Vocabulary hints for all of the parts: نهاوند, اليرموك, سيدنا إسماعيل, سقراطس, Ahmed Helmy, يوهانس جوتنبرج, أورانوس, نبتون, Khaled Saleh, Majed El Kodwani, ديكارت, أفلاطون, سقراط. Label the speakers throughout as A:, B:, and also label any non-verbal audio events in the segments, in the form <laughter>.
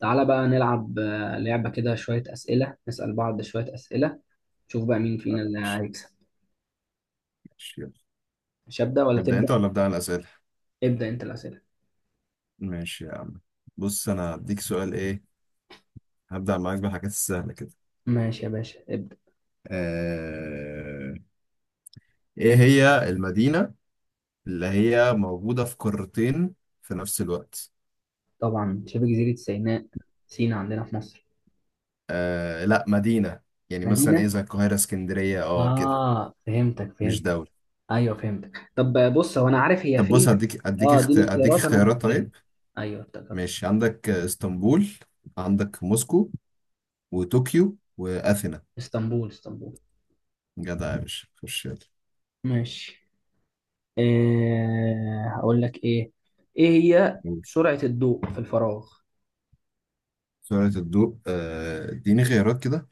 A: تعالى بقى نلعب لعبة كده شوية أسئلة، نسأل بعض شوية أسئلة، نشوف بقى مين فينا اللي
B: ماشي
A: هيكسب.
B: ماشي، يلا.
A: مش هبدأ ولا
B: نبدأ أنت
A: تبدأ؟
B: ولا أبدأ أنا الأسئلة؟
A: ابدأ أنت الأسئلة.
B: ماشي يا عم. بص أنا هديك سؤال إيه. هبدأ معاك بالحاجات السهلة كده.
A: ماشي يا باشا، ابدأ.
B: آه... إيه هي المدينة اللي هي موجودة في قارتين في نفس الوقت؟
A: طبعا شبه جزيرة سيناء، سينا عندنا في مصر.
B: لا مدينة، يعني مثلا إيه
A: مدينة؟
B: زي القاهرة، اسكندرية، كده.
A: آه فهمتك،
B: مش
A: فهمت.
B: دولة.
A: أيوه فهمتك. طب بص هو أنا عارف هي
B: طب بص،
A: فين. آه اديني
B: هديك
A: اختيارات، أنا
B: اختيارات
A: هفتكرها.
B: طيب.
A: أيوه افتكرت.
B: ماشي، عندك اسطنبول، عندك موسكو وطوكيو وأثينا.
A: اسطنبول، اسطنبول.
B: جدع يا باشا، خش يلا.
A: ماشي. هقول لك إيه هي سرعة الضوء في الفراغ؟
B: سرعة الضوء، اديني خيارات كده.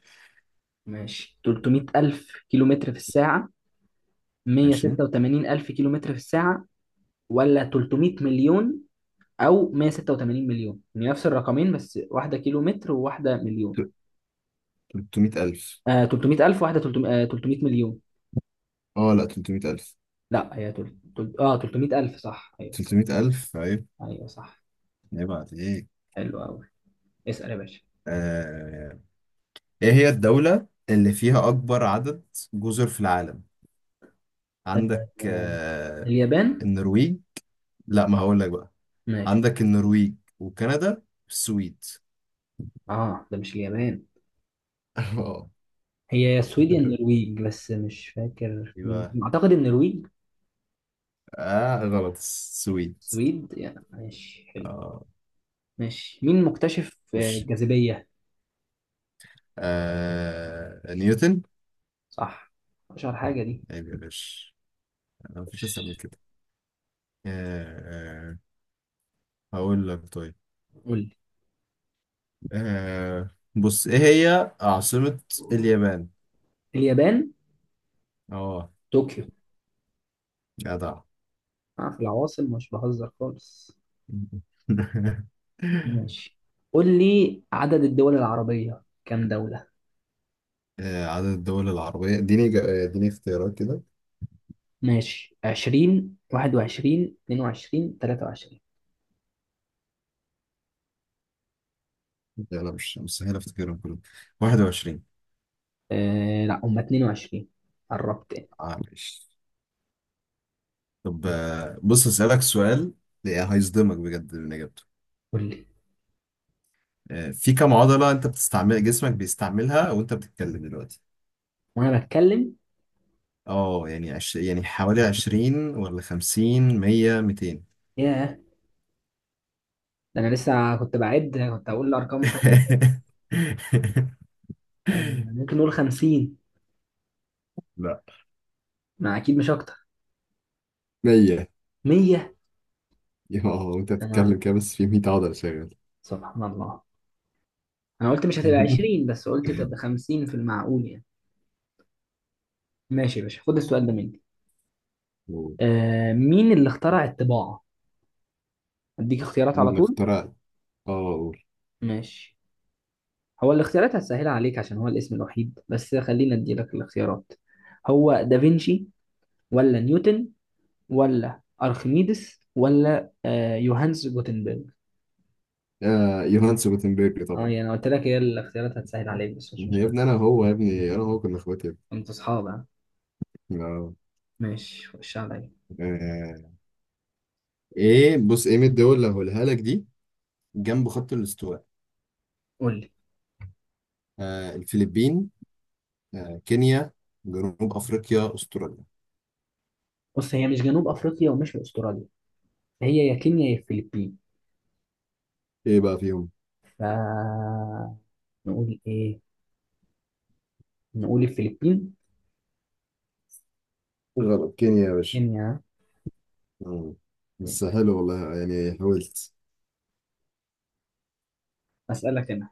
A: ماشي، 300 ألف كيلو متر في الساعة،
B: عشان
A: 186 ألف كيلو متر في الساعة، ولا 300 مليون، أو 186 مليون؟ يعني نفس الرقمين، بس واحدة كيلو متر وواحدة مليون.
B: 300 ألف.
A: 300 ألف، واحدة 300 300 مليون.
B: اه، لا، 300 ألف.
A: لا هي تل... تل... اه 300 ألف، صح، أيوه صح.
B: 300 ألف، عيب.
A: أيوه صح.
B: عيب عليك.
A: حلو أوي. اسأل يا باشا.
B: آه، ايه هي الدولة اللي فيها أكبر عدد جزر في العالم؟
A: آه
B: عندك
A: آه، اليابان.
B: النرويج. لا، ما هقول لك بقى.
A: ماشي.
B: عندك النرويج وكندا والسويد.
A: اه ده مش اليابان.
B: <laughs> اه.
A: هي يا السويد يا النرويج، بس مش فاكر مين،
B: يبقى
A: أعتقد النرويج.
B: اه، غلط، السويد.
A: سويد يعني. ماشي حلو.
B: اه،
A: ماشي، مين مكتشف
B: خش.
A: الجاذبية؟
B: نيوتن.
A: صح. اشهر حاجة دي.
B: عيب يا باشا، مفيش أسهل من كده. آه، هقول لك طيب.
A: قول لي.
B: آه، بص، ايه هي عاصمة اليابان؟
A: اليابان.
B: اه.
A: طوكيو.
B: جدع. <laughs>
A: أنا في العواصم مش بهزر خالص. ماشي. قول لي عدد الدول العربية كام دولة.
B: عدد الدول العربية، اديني اديني اختيارات كده.
A: ماشي، 20، 21، 22، 23؟
B: لا، لا، مش مستحيل افتكرهم كلهم. 21.
A: آه لا، هم 22. قربت يعني.
B: معلش. طب بص، اسألك سؤال هيصدمك بجد من اجابته.
A: قول لي.
B: في كم عضلة انت بتستعمل، جسمك بيستعملها وانت بتتكلم دلوقتي؟
A: وانا بتكلم؟
B: اه، يعني حوالي 20 ولا 50، 100، 200.
A: ياه. ده انا لسه كنت بعد، كنت هقول ارقام تانية.
B: <laughs>
A: ممكن نقول 50.
B: لا،
A: ما اكيد مش اكتر.
B: مية.
A: 100؟
B: اه، انت
A: انا،
B: بتتكلم كده بس في 100 عضلة شغال.
A: سبحان الله. انا قلت مش هتبقى 20،
B: <laughs>
A: بس قلت تبقى 50، في المعقول يعني. ماشي يا باشا، خد السؤال ده مني. مين اللي اخترع الطباعة؟ اديك اختيارات
B: مين
A: على
B: اللي
A: طول.
B: اخترع؟ اه، قول.
A: ماشي. هو الاختيارات هتسهلها عليك عشان هو الاسم الوحيد، بس خلينا ادي لك الاختيارات. هو دافنشي، ولا نيوتن، ولا ارخميدس، ولا يوهانس جوتنبرج.
B: يوهانس جوتنبرج،
A: اه
B: طبعا.
A: يعني انا قلت لك هي الاختيارات هتسهل عليك، بس مش
B: يا
A: مشكلة.
B: ابني انا هو يا ابني انا هو كنا اخواتي يا
A: انت اصحاب، ها؟
B: ابني.
A: ماشي، خش عليا.
B: آه. ايه، بص من الدول اللي هقولها لك دي جنب خط الاستواء.
A: قول لي.
B: الفلبين، كينيا، جنوب افريقيا، استراليا.
A: بص هي مش جنوب افريقيا ومش استراليا. هي يا كينيا يا الفلبين.
B: ايه بقى فيهم؟
A: ف نقول ايه، نقول الفلبين.
B: غلط، كينيا يا باشا.
A: كينيا، ها؟
B: مم. بس
A: ماشي.
B: حلو والله، يعني حاولت.
A: اسالك انا.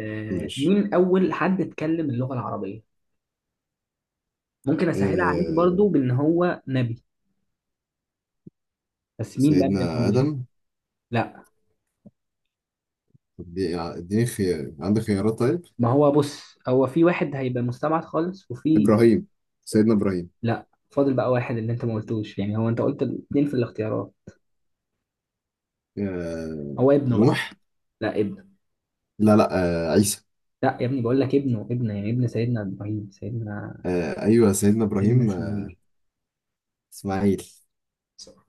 B: ماشي.
A: مين اول حد اتكلم اللغه العربيه؟ ممكن اسهلها عليك
B: آه
A: برضو بان هو نبي. بس مين بقى من
B: سيدنا
A: الانبياء؟
B: آدم.
A: لا.
B: طب اديني خيار، عندك خيارات طيب.
A: ما هو بص، هو في واحد هيبقى مستبعد خالص، وفي.
B: إبراهيم. سيدنا إبراهيم.
A: لا، فاضل بقى واحد اللي انت ما قلتوش، يعني هو انت قلت الاثنين في الاختيارات.
B: آه
A: هو ابنه بقى.
B: نوح.
A: لا، ابنه.
B: لا، لا. عيسى.
A: لا يا ابني، بقول لك ابنه، ابنه يعني ابن سيدنا ابراهيم، سيدنا
B: أيوه، سيدنا
A: سيدنا
B: إبراهيم.
A: اسماعيل.
B: إسماعيل.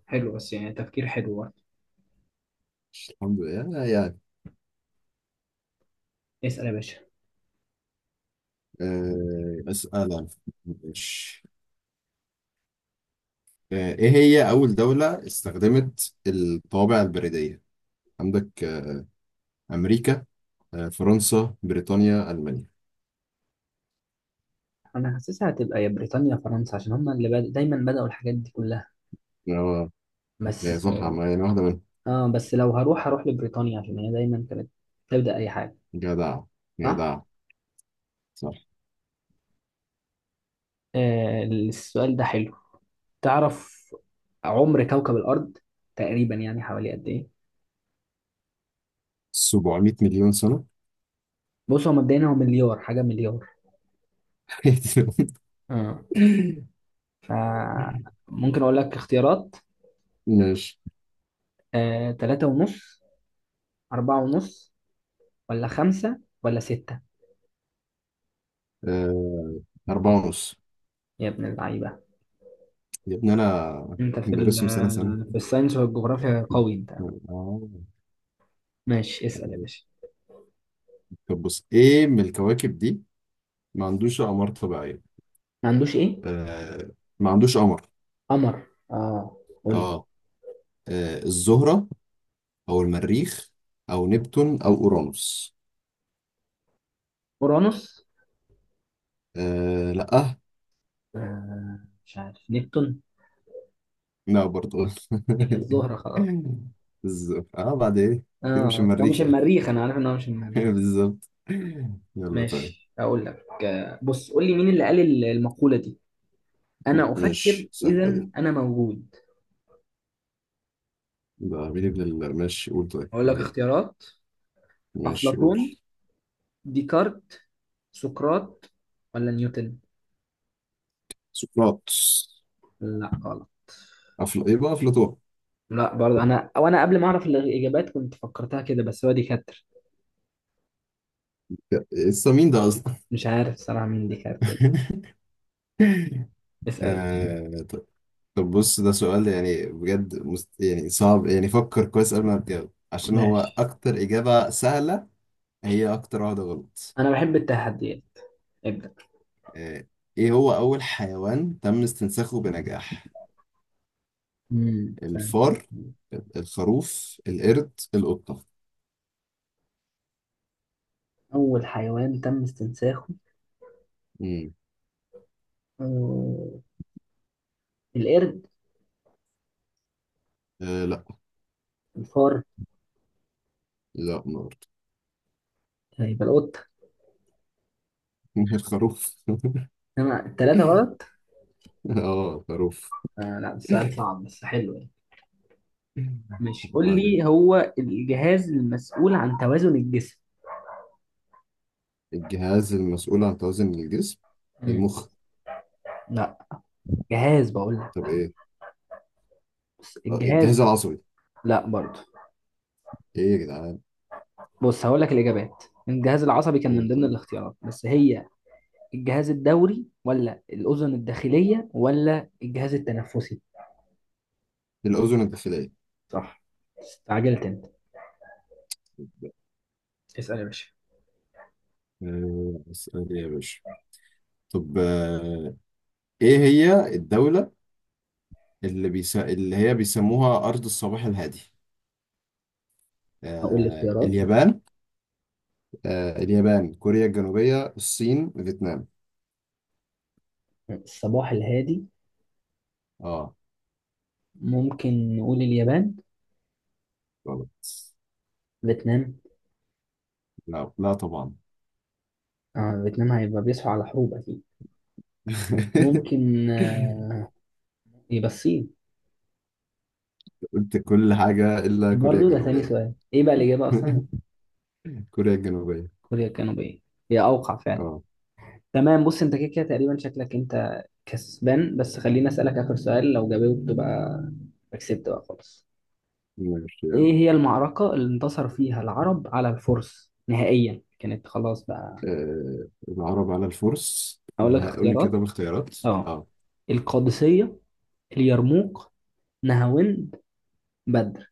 A: حلو، بس يعني تفكير حلو.
B: الحمد لله. يعني.
A: اسال يا باشا.
B: أسأل أنا. ماشي. إيه هي أول دولة استخدمت الطوابع البريدية؟ عندك أمريكا، فرنسا، بريطانيا، ألمانيا.
A: انا حاسسها هتبقى يا بريطانيا يا فرنسا، عشان هما اللي دايما بدأوا الحاجات دي كلها.
B: آه هي
A: بس.
B: صح، ما يعني واحدة منهم.
A: اه، بس لو هروح، هروح لبريطانيا عشان هي دايما كانت تبدأ اي حاجة.
B: جدع،
A: صح.
B: جدع، صح.
A: السؤال ده حلو. تعرف عمر كوكب الأرض تقريبا، يعني حوالي قد ايه؟
B: 700 مليون سنة.
A: بص هو مبدئيا هو مليار، حاجة مليار.
B: <laughs>
A: اه. ف ممكن اقول لك اختيارات.
B: ماشي.
A: تلاتة ونص، أربعة ونص، ولا خمسة، ولا ستة؟
B: آه، أربعة ونص.
A: يا ابن اللعيبة.
B: يا ابني أنا
A: انت في
B: بدرسهم سنة سنة.
A: في الساينس والجغرافيا قوي انت.
B: آه.
A: ماشي، اسأل يا باشا.
B: طب بص، إيه من الكواكب دي ما عندوش أقمار طبيعية؟
A: ما عندوش ايه؟
B: آه. ما عندوش قمر.
A: قمر. اه
B: آه.
A: قولي.
B: الزهرة أو المريخ أو نبتون أو أورانوس.
A: اورانوس.
B: لأ.
A: آه مش عارف. نبتون؟
B: لا، برضه.
A: يبقى الزهرة خلاص.
B: <laughs> الزهرة، بعد إيه. أكيد مش
A: اه هو مش
B: المريخ يعني.
A: المريخ، انا عارف ان هو مش
B: <laughs>
A: المريخ.
B: بالظبط. يلا طيب.
A: ماشي، اقول لك. بص قول لي مين اللي قال المقولة دي: انا
B: ماشي،
A: افكر
B: سهلة
A: اذا
B: دي.
A: انا موجود؟
B: ده عميل ماشي قول طيب
A: اقول لك
B: إيه؟
A: اختيارات.
B: ماشي
A: افلاطون،
B: قول.
A: ديكارت، سقراط، ولا نيوتن؟
B: سقراطس.
A: لا غلط.
B: يبقى أفلاطون.
A: لا برضه. انا وانا قبل ما اعرف الاجابات كنت فكرتها كده، بس هو ديكارت.
B: لسه مين ده أصلا؟
A: مش عارف صراحة مين ديكارت.
B: <laughs>
A: اسأل يا باشا.
B: طب. بص، ده سؤال يعني بجد يعني صعب، يعني فكر كويس قبل ما تجاوب، عشان هو
A: ماشي.
B: أكتر إجابة سهلة هي أكتر واحدة غلط.
A: أنا بحب التحديات، ابدأ.
B: آه... إيه هو أول حيوان تم استنساخه بنجاح؟
A: فهمت.
B: الفار، الخروف، القرد، القطة.
A: أول حيوان تم استنساخه.
B: مم.
A: آه، القرد.
B: لا.
A: الفار.
B: لا، ما أعرف.
A: يبقى القطة.
B: <laughs> الخروف.
A: أنا التلاتة
B: <laughs>
A: غلط.
B: اه، خروف.
A: آه لا، السؤال صعب بس حلو يعني. ماشي،
B: طب
A: قول
B: عليك.
A: لي هو الجهاز المسؤول عن توازن الجسم.
B: الجهاز المسؤول عن توازن الجسم.
A: امم.
B: المخ.
A: لا، جهاز بقول
B: طب
A: لك.
B: ايه؟
A: بس الجهاز.
B: الجهاز العصبي.
A: لا برضه.
B: ايه يا جدعان؟
A: بص هقول لك الإجابات. الجهاز العصبي كان
B: قول
A: من ضمن
B: طيب.
A: الاختيارات، بس هي: الجهاز الدوري، ولا الأذن الداخلية، ولا الجهاز التنفسي؟
B: الأذن الداخلية.
A: صح. استعجلت انت. اسأل يا باشا.
B: اسأل يا باشا. طب ايه هي الدولة اللي هي بيسموها أرض الصباح الهادي؟
A: هقول الاختيارات.
B: اليابان. اليابان، كوريا الجنوبية، الصين، فيتنام.
A: الصباح الهادي.
B: اه،
A: ممكن نقول اليابان.
B: غلط.
A: فيتنام.
B: لا، لا، طبعا.
A: اه فيتنام هيبقى بيصحوا على حروب اكيد.
B: <laughs>
A: ممكن يبقى الصين.
B: قلت كل حاجة إلا كوريا
A: برضه؟ ده ثاني
B: الجنوبية.
A: سؤال، ايه بقى الإجابة أصلا؟
B: <laughs> كوريا الجنوبية.
A: كوريا الجنوبية. هي أوقع فعلا.
B: اه.
A: تمام. بص انت كده كده تقريبا شكلك انت كسبان، بس خليني أسألك آخر سؤال، لو جاوبت بقى كسبت بقى خلاص.
B: ماشي
A: إيه
B: يعني.
A: هي المعركة اللي انتصر فيها العرب على الفرس نهائيا كانت خلاص بقى؟
B: العرب على الفرس،
A: هقول
B: اللي
A: لك
B: هقول لي كده
A: اختيارات.
B: باختيارات.
A: اه.
B: اه.
A: القادسية، اليرموك، نهاوند، بدر.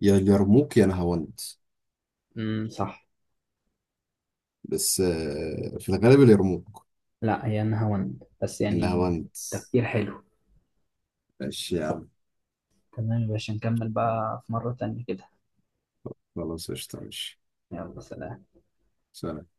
B: يا اليرموك يا نهاوند.
A: صح.
B: بس في الغالب اليرموك.
A: لا، هي نهاوند بس يعني.
B: النهاوند.
A: تفكير حلو.
B: ماشي يا عم.
A: تمام يا باشا، نكمل بقى في مرة تانية كده.
B: خلاص، قشطة، ماشي.
A: يلا سلام.
B: سلام.